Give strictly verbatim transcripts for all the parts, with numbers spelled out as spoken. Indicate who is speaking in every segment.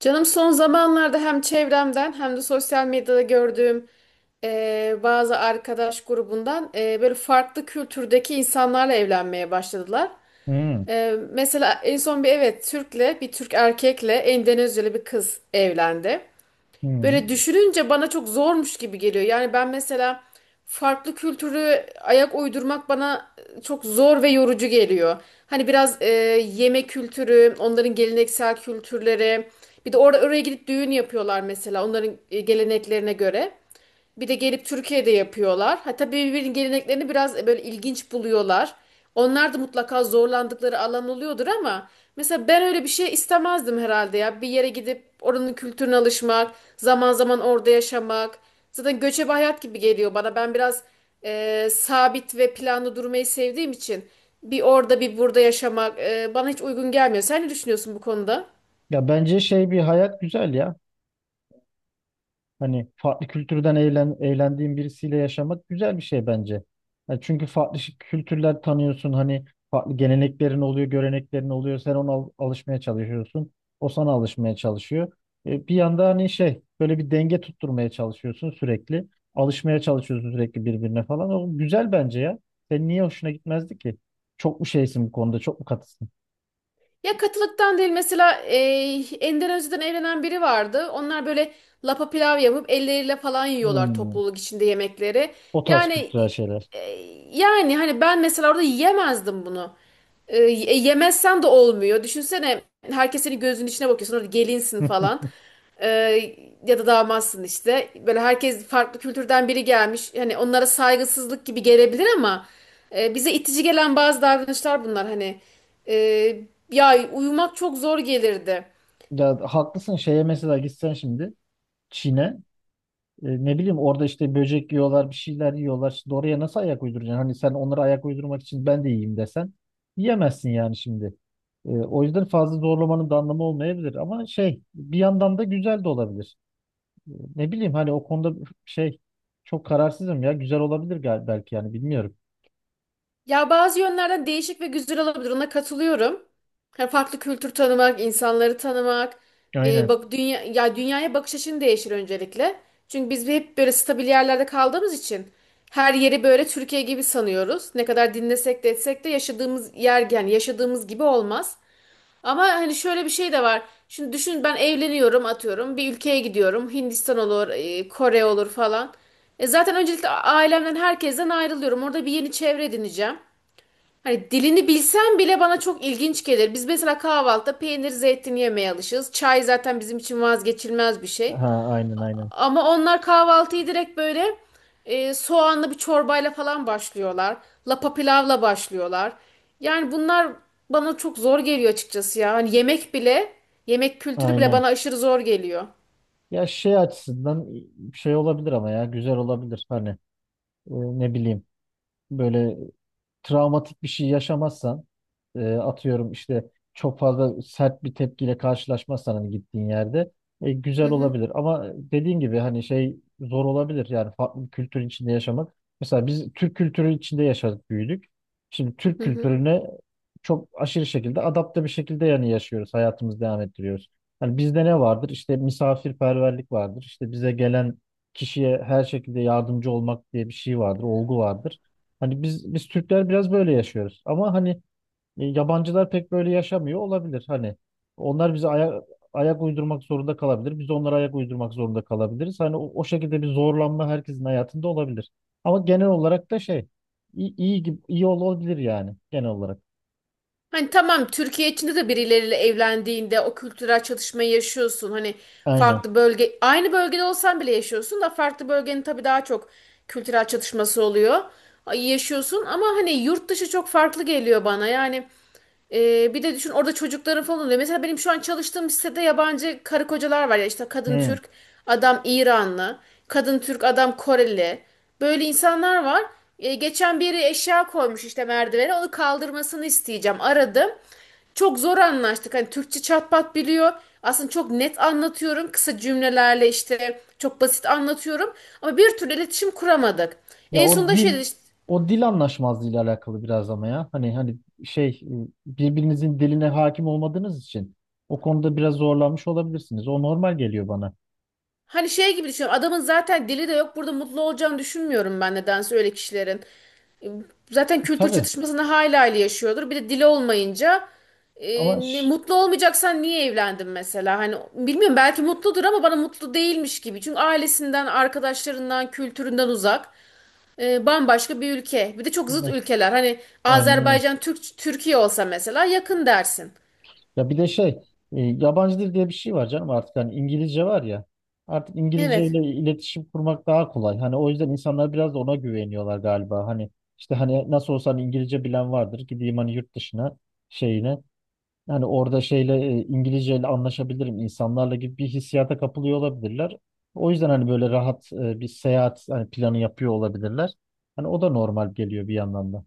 Speaker 1: Canım son zamanlarda hem çevremden hem de sosyal medyada gördüğüm e, bazı arkadaş grubundan e, böyle farklı kültürdeki insanlarla evlenmeye başladılar.
Speaker 2: Hmm,
Speaker 1: E, mesela en son bir evet Türk'le bir Türk erkekle Endonezyalı bir kız evlendi. Böyle
Speaker 2: hmm.
Speaker 1: düşününce bana çok zormuş gibi geliyor. Yani ben mesela farklı kültürü ayak uydurmak bana çok zor ve yorucu geliyor. Hani biraz e, yemek kültürü, onların geleneksel kültürleri. Bir de orada oraya gidip düğün yapıyorlar mesela onların e, geleneklerine göre. Bir de gelip Türkiye'de yapıyorlar. Ha, tabii birbirinin geleneklerini biraz e, böyle ilginç buluyorlar. Onlar da mutlaka zorlandıkları alan oluyordur ama mesela ben öyle bir şey istemezdim herhalde ya. Bir yere gidip oranın kültürüne alışmak, zaman zaman orada yaşamak. Zaten göçebe hayat gibi geliyor bana. Ben biraz e, sabit ve planlı durmayı sevdiğim için bir orada bir burada yaşamak e, bana hiç uygun gelmiyor. Sen ne düşünüyorsun bu konuda?
Speaker 2: Ya bence şey bir hayat güzel ya. Hani farklı kültürden eğlen, eğlendiğin birisiyle yaşamak güzel bir şey bence. Ya çünkü farklı şi- kültürler tanıyorsun. Hani farklı geleneklerin oluyor, göreneklerin oluyor. Sen ona al- alışmaya çalışıyorsun. O sana alışmaya çalışıyor. E, bir yanda hani şey böyle bir denge tutturmaya çalışıyorsun sürekli. Alışmaya çalışıyorsun sürekli birbirine falan. O güzel bence ya. Senin niye hoşuna gitmezdi ki? Çok mu şeysin bu konuda? Çok mu katısın?
Speaker 1: Ya katılıktan değil mesela e, Endonezya'dan evlenen biri vardı. Onlar böyle lapa pilav yapıp elleriyle falan yiyorlar
Speaker 2: Hmm.
Speaker 1: topluluk içinde yemekleri.
Speaker 2: O tarz
Speaker 1: Yani
Speaker 2: kültürel şeyler.
Speaker 1: e, yani hani ben mesela orada yiyemezdim bunu. Ee, E, Yemezsen de olmuyor. Düşünsene herkes senin gözünün içine bakıyor. Sonra gelinsin falan. E, Ya da damatsın işte. Böyle herkes farklı kültürden biri gelmiş. Hani onlara saygısızlık gibi gelebilir ama e, bize itici gelen bazı davranışlar bunlar. Hani e, ya uyumak çok zor gelirdi.
Speaker 2: Ya haklısın, şeye mesela gitsen şimdi Çin'e, e, ne bileyim orada işte böcek yiyorlar, bir şeyler yiyorlar. Şimdi oraya nasıl ayak uyduracaksın? Hani sen onlara ayak uydurmak için ben de yiyeyim desen yiyemezsin yani şimdi. E, o yüzden fazla zorlamanın da anlamı olmayabilir ama şey bir yandan da güzel de olabilir. E, ne bileyim hani o konuda şey çok kararsızım, ya güzel olabilir gal belki yani bilmiyorum.
Speaker 1: Ya bazı yönlerden değişik ve güzel olabilir. Ona katılıyorum. Hani farklı kültür tanımak, insanları tanımak, e,
Speaker 2: Aynen.
Speaker 1: bak dünya ya dünyaya bakış açın değişir öncelikle. Çünkü biz hep böyle stabil yerlerde kaldığımız için her yeri böyle Türkiye gibi sanıyoruz. Ne kadar dinlesek de etsek de yaşadığımız yer yani yaşadığımız gibi olmaz. Ama hani şöyle bir şey de var. Şimdi düşün ben evleniyorum, atıyorum bir ülkeye gidiyorum. Hindistan olur, e, Kore olur falan. E zaten öncelikle a- ailemden herkesten ayrılıyorum. Orada bir yeni çevre edineceğim. Hani dilini bilsem bile bana çok ilginç gelir. Biz mesela kahvaltıda peynir, zeytin yemeye alışığız. Çay zaten bizim için vazgeçilmez bir şey.
Speaker 2: Ha, aynen, aynen,
Speaker 1: Ama onlar kahvaltıyı direkt böyle e, soğanlı bir çorbayla falan başlıyorlar. Lapa pilavla başlıyorlar. Yani bunlar bana çok zor geliyor açıkçası ya. Hani yemek bile, yemek kültürü bile
Speaker 2: aynen.
Speaker 1: bana aşırı zor geliyor.
Speaker 2: Ya şey açısından şey olabilir ama ya güzel olabilir hani, e, ne bileyim böyle travmatik bir şey yaşamazsan, e, atıyorum işte çok fazla sert bir tepkiyle karşılaşmazsan hani gittiğin yerde, e,
Speaker 1: Hı
Speaker 2: güzel
Speaker 1: hı.
Speaker 2: olabilir. Ama dediğin gibi hani şey zor olabilir yani farklı bir kültürün içinde yaşamak. Mesela biz Türk kültürü içinde yaşadık, büyüdük. Şimdi Türk
Speaker 1: Hı hı.
Speaker 2: kültürüne çok aşırı şekilde adapte bir şekilde yani yaşıyoruz. Hayatımızı devam ettiriyoruz. Hani bizde ne vardır? İşte misafirperverlik vardır. İşte bize gelen kişiye her şekilde yardımcı olmak diye bir şey vardır, olgu vardır. Hani biz biz Türkler biraz böyle yaşıyoruz. Ama hani e, yabancılar pek böyle yaşamıyor olabilir. Hani onlar bize aya- ayak uydurmak zorunda kalabilir. Biz onlara ayak uydurmak zorunda kalabiliriz. Hani o, o şekilde bir zorlanma herkesin hayatında olabilir. Ama genel olarak da şey iyi, iyi gibi iyi olabilir yani genel olarak.
Speaker 1: Hani tamam, Türkiye içinde de birileriyle evlendiğinde o kültürel çatışmayı yaşıyorsun. Hani
Speaker 2: Aynen.
Speaker 1: farklı bölge aynı bölgede olsan bile yaşıyorsun da farklı bölgenin tabii daha çok kültürel çatışması oluyor. Ay, yaşıyorsun ama hani yurt dışı çok farklı geliyor bana. Yani e, bir de düşün orada çocukların falan oluyor. Mesela benim şu an çalıştığım sitede yabancı karı kocalar var ya, işte kadın
Speaker 2: Hı.
Speaker 1: Türk, adam İranlı, kadın Türk, adam Koreli. Böyle insanlar var. E, geçen biri eşya koymuş işte merdivene. Onu kaldırmasını isteyeceğim. Aradım. Çok zor anlaştık. Hani Türkçe çatpat biliyor. Aslında çok net anlatıyorum. Kısa cümlelerle işte çok basit anlatıyorum. Ama bir türlü iletişim kuramadık.
Speaker 2: Ya
Speaker 1: En
Speaker 2: o
Speaker 1: sonunda şey dedi
Speaker 2: dil
Speaker 1: işte,
Speaker 2: o dil anlaşmazlığıyla alakalı biraz ama ya. Hani hani şey, e, birbirinizin diline hakim olmadığınız için o konuda biraz zorlanmış olabilirsiniz. O normal geliyor bana.
Speaker 1: hani şey gibi düşünüyorum. Adamın zaten dili de yok. Burada mutlu olacağını düşünmüyorum ben nedense öyle kişilerin. Zaten kültür
Speaker 2: Tabii.
Speaker 1: çatışmasını hayli hayli yaşıyordur. Bir de dili olmayınca e,
Speaker 2: Ama
Speaker 1: ne-
Speaker 2: ş-
Speaker 1: mutlu olmayacaksan niye evlendin mesela? Hani bilmiyorum, belki mutludur ama bana mutlu değilmiş gibi. Çünkü ailesinden, arkadaşlarından, kültüründen uzak. E, bambaşka bir ülke. Bir de çok zıt ülkeler. Hani
Speaker 2: yani, evet.
Speaker 1: Azerbaycan Türk Türkiye olsa mesela yakın dersin.
Speaker 2: Ya bir de şey, e, yabancı dil diye bir şey var canım artık, hani İngilizce var ya, artık İngilizce ile
Speaker 1: Evet.
Speaker 2: iletişim kurmak daha kolay. Hani o yüzden insanlar biraz da ona güveniyorlar galiba. Hani işte hani nasıl olsa hani İngilizce bilen vardır. Gideyim hani yurt dışına şeyine, hani orada şeyle, e, İngilizce anlaşabilirim insanlarla gibi bir hissiyata kapılıyor olabilirler. O yüzden hani böyle rahat, e, bir seyahat hani planı yapıyor olabilirler. Hani o da normal geliyor bir yandan da.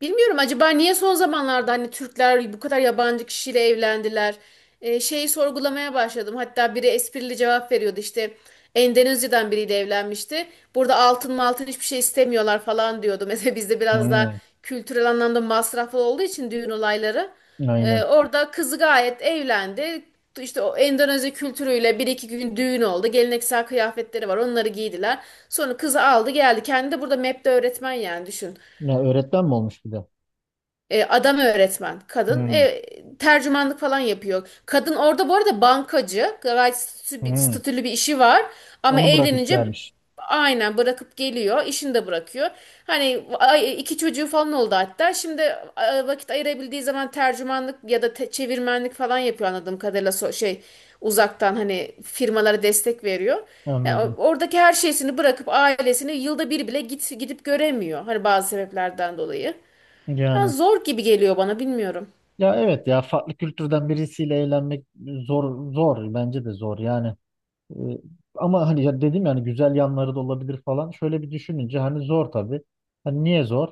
Speaker 1: Bilmiyorum, acaba niye son zamanlarda hani Türkler bu kadar yabancı kişiyle evlendiler? Ee, şeyi sorgulamaya başladım. Hatta biri esprili cevap veriyordu işte, Endonezya'dan biriyle evlenmişti. Burada altın maltın hiçbir şey istemiyorlar falan diyordu. Mesela bizde biraz daha
Speaker 2: Hmm,
Speaker 1: kültürel anlamda masraflı olduğu için düğün olayları. Ee,
Speaker 2: aynen.
Speaker 1: orada kızı gayet evlendi. İşte o Endonezya kültürüyle bir iki gün düğün oldu. Geleneksel kıyafetleri var, onları giydiler. Sonra kızı aldı geldi. Kendi de burada M E P'te öğretmen, yani düşün.
Speaker 2: Ya öğretmen mi olmuş bir de?
Speaker 1: E, adam öğretmen, kadın
Speaker 2: Hmm,
Speaker 1: e, tercümanlık falan yapıyor. Kadın orada bu arada bankacı, gayet statü-
Speaker 2: hmm.
Speaker 1: statülü bir işi var ama
Speaker 2: Onu bırakıp
Speaker 1: evlenince
Speaker 2: gelmiş.
Speaker 1: aynen bırakıp geliyor, işini de bırakıyor. Hani ay- iki çocuğu falan oldu hatta. Şimdi e, vakit ayırabildiği zaman tercümanlık ya da te- çevirmenlik falan yapıyor anladığım kadarıyla, so- şey uzaktan hani firmalara destek veriyor. Yani
Speaker 2: Anladım.
Speaker 1: o- oradaki her şeysini bırakıp ailesini yılda bir bile git, gidip göremiyor. Hani bazı sebeplerden dolayı. Ya
Speaker 2: Yani
Speaker 1: zor gibi geliyor bana, bilmiyorum.
Speaker 2: ya evet, ya farklı kültürden birisiyle eğlenmek zor zor, bence de zor yani. Ee, ama hani ya dedim yani güzel yanları da olabilir falan. Şöyle bir düşününce hani zor tabii. Hani niye zor?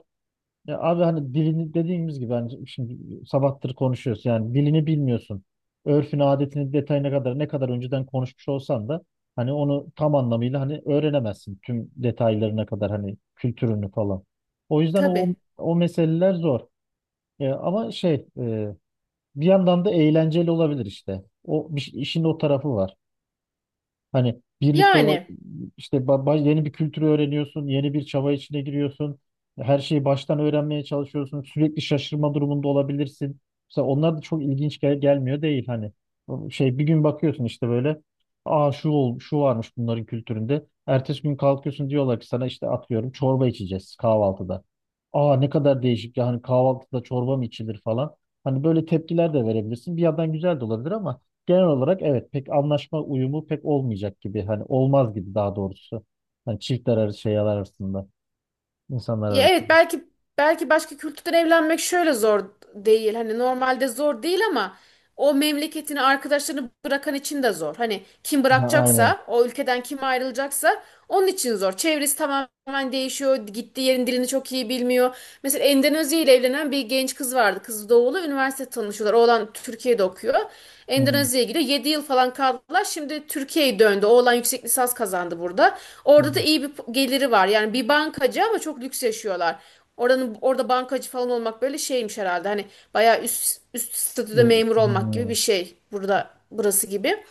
Speaker 2: Ya abi, hani dilini dediğimiz gibi, hani şimdi sabahtır konuşuyoruz yani dilini bilmiyorsun. Örfünü, adetini, detayına kadar ne kadar önceden konuşmuş olsan da hani onu tam anlamıyla hani öğrenemezsin tüm detaylarına kadar hani kültürünü falan. O yüzden o
Speaker 1: Tabii.
Speaker 2: o meseleler zor. E, ama şey, e, bir yandan da eğlenceli olabilir işte. O bir- işin o tarafı var. Hani birlikte
Speaker 1: Yani
Speaker 2: işte ba- ba- yeni bir kültürü öğreniyorsun, yeni bir çaba içine giriyorsun. Her şeyi baştan öğrenmeye çalışıyorsun. Sürekli şaşırma durumunda olabilirsin. Mesela onlar da çok ilginç gel- gelmiyor değil hani. O şey bir gün bakıyorsun işte, böyle aa şu ol şu varmış bunların kültüründe. Ertesi gün kalkıyorsun diyorlar ki sana, işte atıyorum çorba içeceğiz kahvaltıda. Aa ne kadar değişik yani, kahvaltıda çorba mı içilir falan. Hani böyle tepkiler de verebilirsin. Bir yandan güzel de olabilir ama genel olarak evet pek anlaşma uyumu pek olmayacak gibi, hani olmaz gibi daha doğrusu. Hani çiftler arası şeyler arasında, insanlar
Speaker 1: ya evet,
Speaker 2: arasında.
Speaker 1: belki belki başka kültürden evlenmek şöyle zor değil. Hani normalde zor değil ama o memleketini, arkadaşlarını bırakan için de zor. Hani kim
Speaker 2: Ha, aynen.
Speaker 1: bırakacaksa, o ülkeden kim ayrılacaksa onun için zor. Çevresi tamamen değişiyor. Gittiği yerin dilini çok iyi bilmiyor. Mesela Endonezya ile evlenen bir genç kız vardı. Kız doğulu. Üniversite tanışıyorlar. Oğlan Türkiye'de okuyor.
Speaker 2: Hmm,
Speaker 1: Endonezya'ya gidiyor. yedi yıl falan kaldılar. Şimdi Türkiye'ye döndü. Oğlan yüksek lisans kazandı burada. Orada da
Speaker 2: hmm,
Speaker 1: iyi bir geliri var. Yani bir bankacı ama çok lüks yaşıyorlar. Oranın orada bankacı falan olmak böyle şeymiş herhalde. Hani bayağı üst üst statüde
Speaker 2: hmm,
Speaker 1: memur olmak gibi
Speaker 2: hmm.
Speaker 1: bir şey. Burada burası gibi.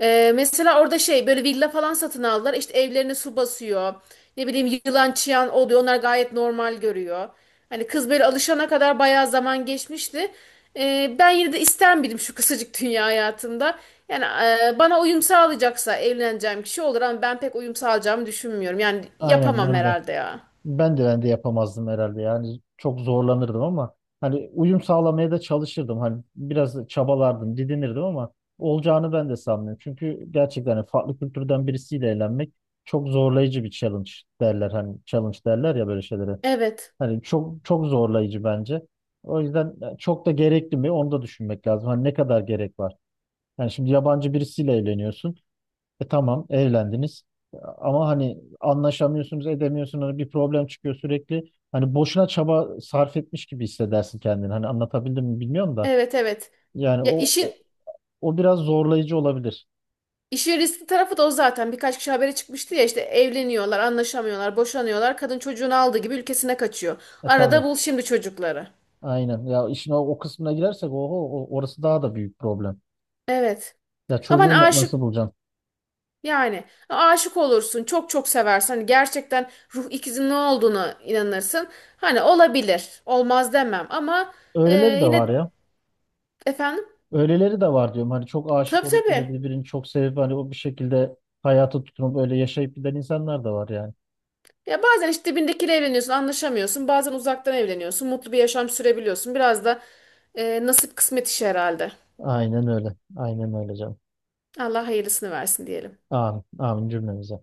Speaker 1: Ee, mesela orada şey böyle villa falan satın aldılar. İşte evlerine su basıyor. Ne bileyim, yılan çıyan oluyor. Onlar gayet normal görüyor. Hani kız böyle alışana kadar bayağı zaman geçmişti. Ee, ben yine de ister miydim şu kısacık dünya hayatında? Yani e, bana uyum sağlayacaksa evleneceğim kişi olur ama ben pek uyum sağlayacağımı düşünmüyorum. Yani
Speaker 2: Aynen,
Speaker 1: yapamam
Speaker 2: ben de
Speaker 1: herhalde ya.
Speaker 2: ben de ben de yapamazdım herhalde yani çok zorlanırdım ama hani uyum sağlamaya da çalışırdım, hani biraz çabalardım, didinirdim ama olacağını ben de sanmıyorum. Çünkü gerçekten hani farklı kültürden birisiyle eğlenmek çok zorlayıcı bir challenge derler, hani challenge derler ya böyle şeylere.
Speaker 1: Evet.
Speaker 2: Hani çok çok zorlayıcı bence. O yüzden e, çok da gerekli mi onu da düşünmek lazım. Hani ne kadar gerek var? Yani şimdi yabancı birisiyle evleniyorsun. E tamam evlendiniz. E, Ama hani anlaşamıyorsunuz, edemiyorsunuz. Hani bir problem çıkıyor sürekli. Hani boşuna çaba sarf etmiş gibi hissedersin kendini. Hani anlatabildim mi bilmiyorum da.
Speaker 1: Evet, evet.
Speaker 2: Yani
Speaker 1: Ya
Speaker 2: o
Speaker 1: işin
Speaker 2: o, o biraz zorlayıcı olabilir.
Speaker 1: İşin riskli tarafı da o zaten. Birkaç kişi habere çıkmıştı ya, işte evleniyorlar, anlaşamıyorlar, boşanıyorlar. Kadın çocuğunu aldığı gibi ülkesine kaçıyor.
Speaker 2: E
Speaker 1: Arada
Speaker 2: tabii.
Speaker 1: bul şimdi çocukları.
Speaker 2: Aynen. Ya işin o, o kısmına girersek oho, o- orası daha da büyük problem.
Speaker 1: Evet.
Speaker 2: Ya
Speaker 1: Ama hani
Speaker 2: çocuğunu da
Speaker 1: aşık
Speaker 2: nasıl bulacaksın?
Speaker 1: Yani aşık olursun, çok çok seversen hani gerçekten ruh ikizinin ne olduğunu inanırsın. Hani olabilir, olmaz demem ama e,
Speaker 2: Öyleleri de var
Speaker 1: yine
Speaker 2: ya.
Speaker 1: efendim
Speaker 2: Öyleleri de var diyorum. Hani çok aşık
Speaker 1: tabii
Speaker 2: olup böyle
Speaker 1: tabii.
Speaker 2: birbirini çok sevip hani o bir şekilde hayata tutunup öyle yaşayıp giden insanlar da var yani.
Speaker 1: Ya bazen işte dibindekiyle evleniyorsun, anlaşamıyorsun. Bazen uzaktan evleniyorsun, mutlu bir yaşam sürebiliyorsun. Biraz da e, nasip kısmet işi herhalde.
Speaker 2: Aynen öyle. Aynen öyle canım.
Speaker 1: Allah hayırlısını versin diyelim.
Speaker 2: Amin. Amin cümlemize.